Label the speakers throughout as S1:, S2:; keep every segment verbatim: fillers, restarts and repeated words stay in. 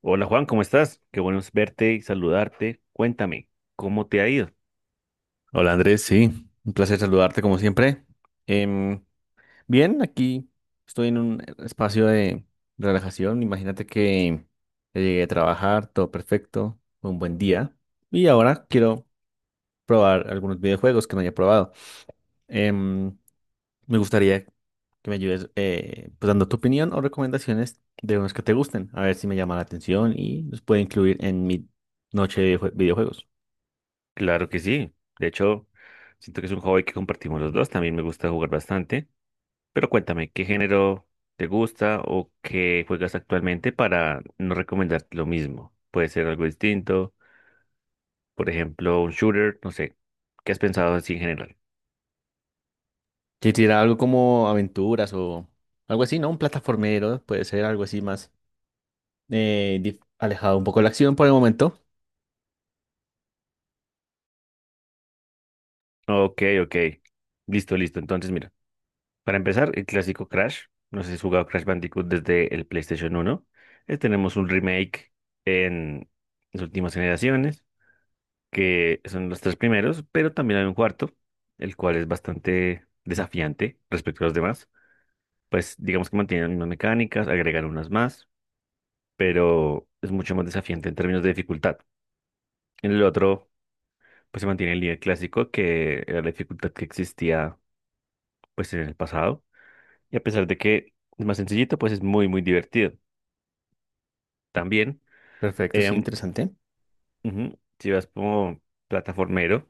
S1: Hola Juan, ¿cómo estás? Qué bueno es verte y saludarte. Cuéntame, ¿cómo te ha ido?
S2: Hola Andrés, sí, un placer saludarte como siempre. Em, Bien, aquí estoy en un espacio de relajación. Imagínate que ya llegué a trabajar, todo perfecto, fue un buen día. Y ahora quiero probar algunos videojuegos que no haya probado. Em, Me gustaría que me ayudes eh, pues dando tu opinión o recomendaciones de unos que te gusten, a ver si me llama la atención y los puedo incluir en mi noche de jue- videojuegos.
S1: Claro que sí. De hecho, siento que es un hobby que compartimos los dos. También me gusta jugar bastante. Pero cuéntame, ¿qué género te gusta o qué juegas actualmente para no recomendarte lo mismo? Puede ser algo distinto, por ejemplo, un shooter, no sé. ¿Qué has pensado así en general?
S2: Que tira algo como aventuras o algo así, ¿no? Un plataformero, puede ser algo así más eh, dif- alejado un poco de la acción por el momento.
S1: Ok, ok. Listo, listo. Entonces, mira. Para empezar, el clásico Crash. No sé si has jugado Crash Bandicoot desde el PlayStation uno. Eh, tenemos un remake en las últimas generaciones, que son los tres primeros, pero también hay un cuarto, el cual es bastante desafiante respecto a los demás. Pues digamos que mantienen las mismas mecánicas, agregan unas más, pero es mucho más desafiante en términos de dificultad. En el otro, pues se mantiene el nivel clásico, que era la dificultad que existía pues en el pasado. Y a pesar de que es más sencillito, pues es muy, muy divertido también.
S2: Perfecto, sí,
S1: em,
S2: interesante.
S1: Ujú, si vas como plataformero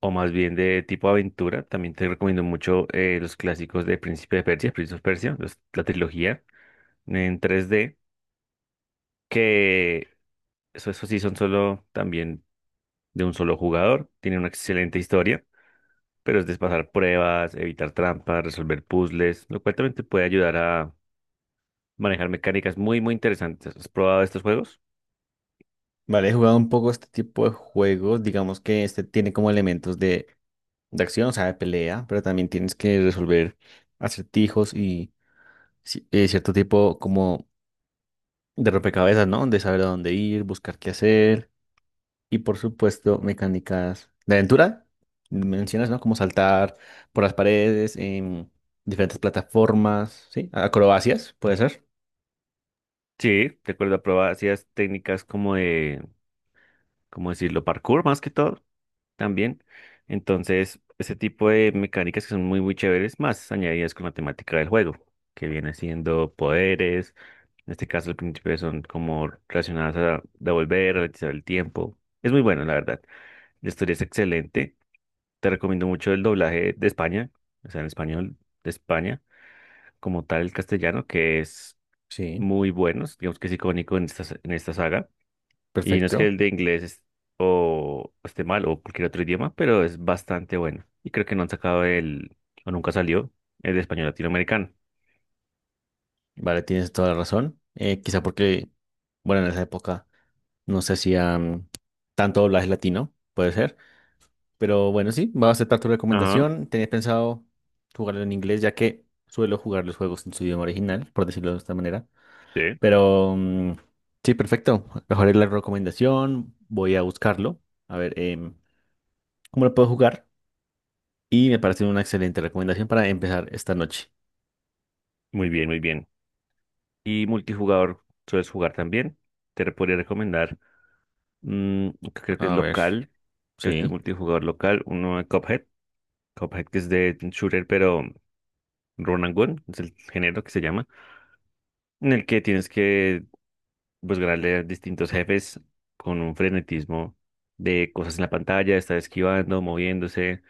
S1: o más bien de tipo aventura, también te recomiendo mucho eh, los clásicos de Príncipe de Persia, Príncipe de Persia, los- la trilogía en tres D, que eso, eso sí son solo también de un solo jugador, tiene una excelente historia, pero es de pasar pruebas, evitar trampas, resolver puzzles, lo cual también te puede ayudar a manejar mecánicas muy, muy interesantes. ¿Has probado estos juegos?
S2: Vale, he jugado un poco este tipo de juegos. Digamos que este tiene como elementos de, de acción, o sea, de pelea, pero también tienes que resolver acertijos y ci- eh, cierto tipo como de rompecabezas, ¿no? De saber a dónde ir, buscar qué hacer. Y por supuesto, mecánicas de aventura. Mencionas, ¿no? Como saltar por las paredes, en diferentes plataformas, ¿sí? Acrobacias, puede ser.
S1: Sí, recuerdo, probaba, hacías técnicas como de ¿cómo decirlo? Parkour más que todo también. Entonces, ese tipo de mecánicas que son muy, muy chéveres, más añadidas con la temática del juego, que viene siendo poderes. En este caso, al principio son como relacionadas a devolver, realizar el tiempo. Es muy bueno, la verdad. La historia es excelente. Te recomiendo mucho el doblaje de España, o sea, en español de España, como tal el castellano, que es
S2: Sí,
S1: muy bueno, digamos que es icónico en esta, en esta saga. Y no es que
S2: perfecto.
S1: el de inglés es- o esté mal o cualquier otro idioma, pero es bastante bueno. Y creo que no han sacado el, o nunca salió, el de español latinoamericano.
S2: Vale, tienes toda la razón. Eh, quizá porque, bueno, en esa época no se hacían tanto doblaje latino, puede ser. Pero bueno, sí, voy a aceptar tu
S1: Ajá,
S2: recomendación. Tenía pensado jugarlo en inglés, ya que suelo jugar los juegos en su idioma original, por decirlo de esta manera.
S1: sí.
S2: Pero mm, sí, perfecto. Mejoré la recomendación. Voy a buscarlo. A ver, em, ¿cómo lo puedo jugar? Y me parece una excelente recomendación para empezar esta noche.
S1: Muy bien, muy bien. Y multijugador, ¿sueles jugar también? Te re- podría recomendar, mm, que creo que es
S2: A ver,
S1: local, creo que es
S2: sí,
S1: multijugador local, uno de Cuphead, Cuphead que es de shooter, pero run and gun, es el género que se llama, en el que tienes que buscarle a distintos jefes con un frenetismo de cosas en la pantalla, estar esquivando, moviéndose,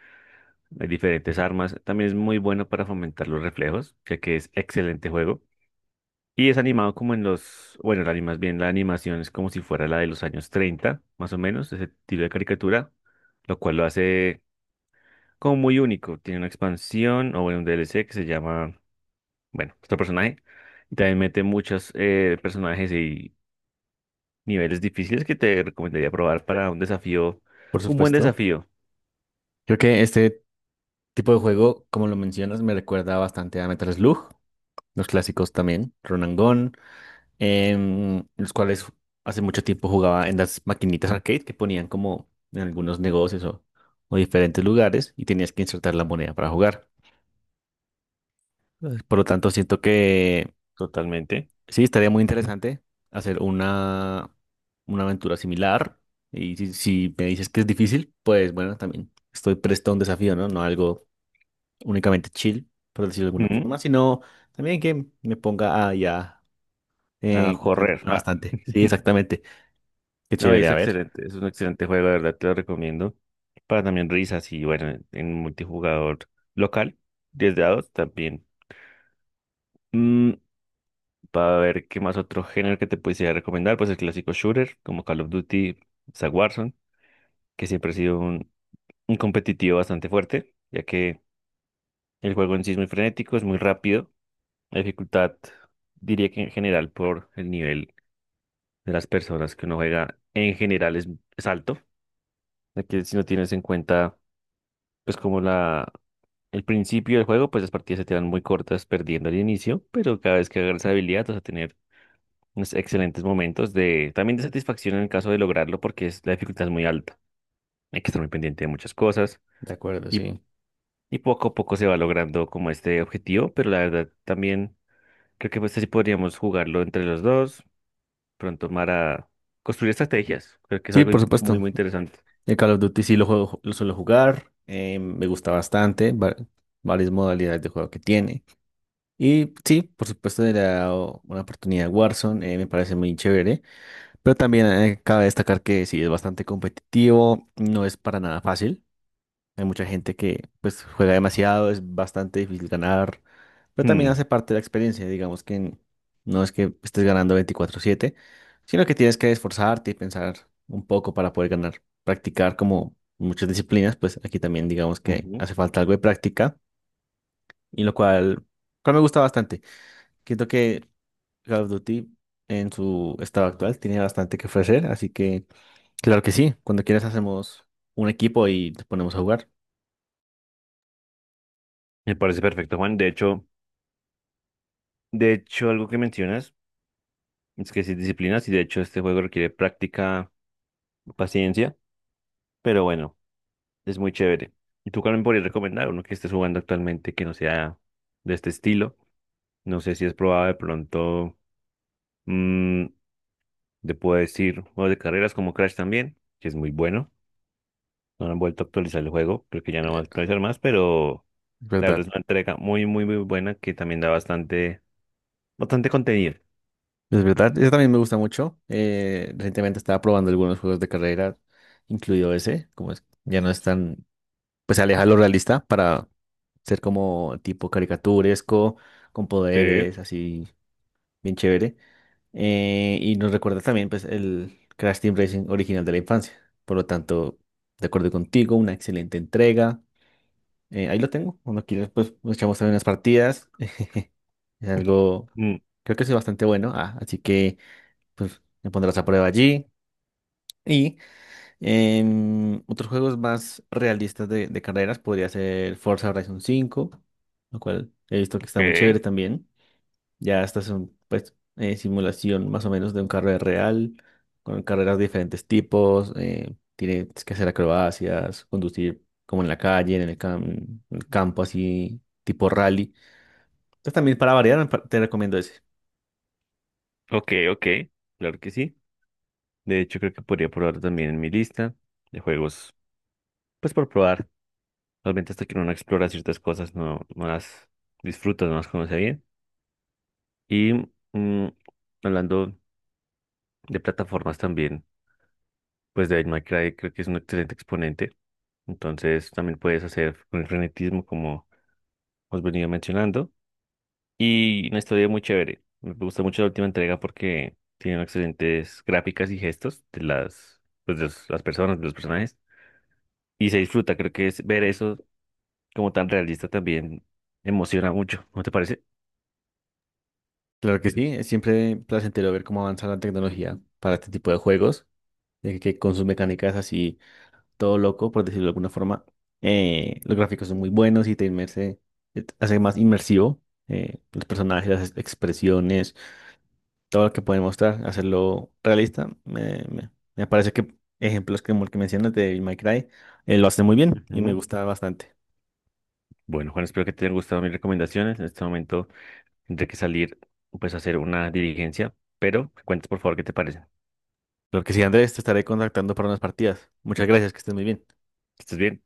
S1: hay diferentes armas. También es muy bueno para fomentar los reflejos, ya que es excelente juego. Y es animado como en los, bueno, la animas bien, la animación es como si fuera la de los años treinta más o menos, ese estilo de caricatura, lo cual lo hace como muy único. Tiene una expansión o bueno, un D L C que se llama, bueno, este personaje. Y también mete muchos eh, personajes y niveles difíciles que te recomendaría probar para un desafío,
S2: por
S1: un buen
S2: supuesto.
S1: desafío.
S2: Creo que este tipo de juego, como lo mencionas, me recuerda bastante a Metal Slug, los clásicos también, Run and Gun, em, los cuales hace mucho tiempo jugaba en las maquinitas arcade que ponían como en algunos negocios o, o diferentes lugares y tenías que insertar la moneda para jugar. Eh, Por lo tanto, siento que
S1: Totalmente.
S2: sí, estaría muy interesante hacer una, una aventura similar. Y si, si me dices que es difícil, pues bueno, también estoy presto a un desafío, ¿no? No algo únicamente chill, por decirlo de alguna
S1: Ujú.
S2: forma, sino también que me ponga a ya
S1: A
S2: eh,
S1: correr.
S2: concentrarme
S1: Ah.
S2: bastante. Sí, exactamente. Qué
S1: No,
S2: chévere,
S1: es
S2: a ver.
S1: excelente, es un excelente juego, de verdad te lo recomiendo. Para también risas y bueno, en en multijugador local, diez dados también. Mm, para ver qué más otro género que te pudiese recomendar, pues el clásico shooter, como Call of Duty, está Warzone, que siempre ha sido un, un competitivo bastante fuerte, ya que el juego en sí es muy frenético, es muy rápido. La dificultad, diría que en general por el nivel de las personas que uno juega, en general es, es alto. Ya que si no tienes en cuenta, pues como la, el principio del juego, pues las partidas se te dan muy cortas perdiendo al inicio, pero cada vez que agarras habilidad vas a tener unos excelentes momentos de, también de satisfacción en el caso de lograrlo, porque es, la dificultad es muy alta. Hay que estar muy pendiente de muchas cosas
S2: De acuerdo,
S1: y,
S2: sí.
S1: y poco a poco se va logrando como este objetivo, pero la verdad también creo que pues este sí podríamos jugarlo entre los dos pronto para construir estrategias. Creo que es
S2: Sí,
S1: algo
S2: por
S1: in- muy,
S2: supuesto.
S1: muy interesante.
S2: El Call of Duty sí lo juego, lo suelo jugar. Eh, me gusta bastante. Va- varias modalidades de juego que tiene. Y sí, por supuesto, le da o- una oportunidad a Warzone, eh, me parece muy chévere, pero también eh, cabe destacar que sí es bastante competitivo, no es para nada fácil. Hay mucha gente que pues juega demasiado, es bastante difícil ganar, pero también
S1: Hmm,
S2: hace parte de la experiencia, digamos que n- no es que estés ganando veinticuatro siete sino que tienes que esforzarte y pensar un poco para poder ganar, practicar como muchas disciplinas, pues aquí también digamos que
S1: ujú.
S2: hace falta algo de práctica, y lo cual, cual me gusta bastante. Siento que Call of Duty en su estado actual tiene bastante que ofrecer, así que claro que sí, cuando quieras hacemos un equipo y te ponemos a jugar.
S1: Me parece perfecto, Juan. De hecho, de hecho, algo que mencionas es que sí disciplinas y de hecho este juego requiere práctica, paciencia, pero bueno, es muy chévere. ¿Y tú también podrías recomendar uno que estés jugando actualmente que no sea de este estilo? No sé si has probado de pronto, mm, te puedo decir, juegos de carreras como Crash también, que es muy bueno. No han vuelto a actualizar el juego, creo que ya no van a
S2: Eh,
S1: actualizar más, pero.
S2: Es
S1: La verdad
S2: verdad,
S1: es una entrega muy, muy, muy buena que también da bastante, bastante contenido.
S2: es verdad. Eso también me gusta mucho. Eh, recientemente estaba probando algunos juegos de carrera, incluido ese, como es, ya no es tan, pues se aleja de lo realista para ser como tipo caricaturesco, con
S1: Sí.
S2: poderes, así bien chévere. Eh, y nos recuerda también pues, el Crash Team Racing original de la infancia. Por lo tanto, de acuerdo contigo, una excelente entrega. Eh, ahí lo tengo. Cuando quieras, pues nos echamos también unas partidas. Es algo,
S1: Mm,
S2: creo que es bastante bueno. Ah, así que, pues me pondrás a prueba allí. Y em, otros juegos más realistas de, de carreras podría ser Forza Horizon cinco, lo cual he visto que está muy
S1: ok,
S2: chévere también. Ya esta es un, pues, eh, simulación más o menos de un carrera real, con carreras de diferentes tipos. Eh, tienes que hacer acrobacias, conducir como en la calle, en el, cam- en el campo, así, tipo rally. Entonces también para variar, pa- te recomiendo ese.
S1: ok, ok. Claro que sí. De hecho, creo que podría probar también en mi lista de juegos, pues por probar. Realmente hasta que uno no explora ciertas cosas, no, no las disfruta, no las conoce bien. Y mm, hablando de plataformas también, pues Devil May Cry creo que es un excelente exponente. Entonces también puedes hacer con el frenetismo como os venía mencionando. Y una historia muy chévere. Me gusta mucho la última entrega porque tiene excelentes gráficas y gestos de las, pues, de los- las personas, de los personajes. Y se disfruta. Creo que es, ver eso como tan realista también emociona mucho. ¿No te parece?
S2: Claro que sí, es siempre placentero ver cómo avanza la tecnología para este tipo de juegos, eh, que con sus mecánicas así, todo loco, por decirlo de alguna forma. Eh, los gráficos son muy buenos y te inmerse, eh, te hace más inmersivo. Eh, los personajes, las expresiones todo lo que pueden mostrar, hacerlo realista. Me, me- me parece que ejemplos como el que mencionas de My Cry eh, lo hacen muy bien y me
S1: Ujú.
S2: gusta bastante.
S1: Bueno, Juan, espero que te hayan gustado mis recomendaciones. En este momento tendré que salir pues a hacer una dirigencia, pero me cuentas por favor qué te parece.
S2: Lo que sí, Andrés, te estaré contactando para unas partidas. Muchas gracias, que estés muy bien.
S1: ¿Estás bien?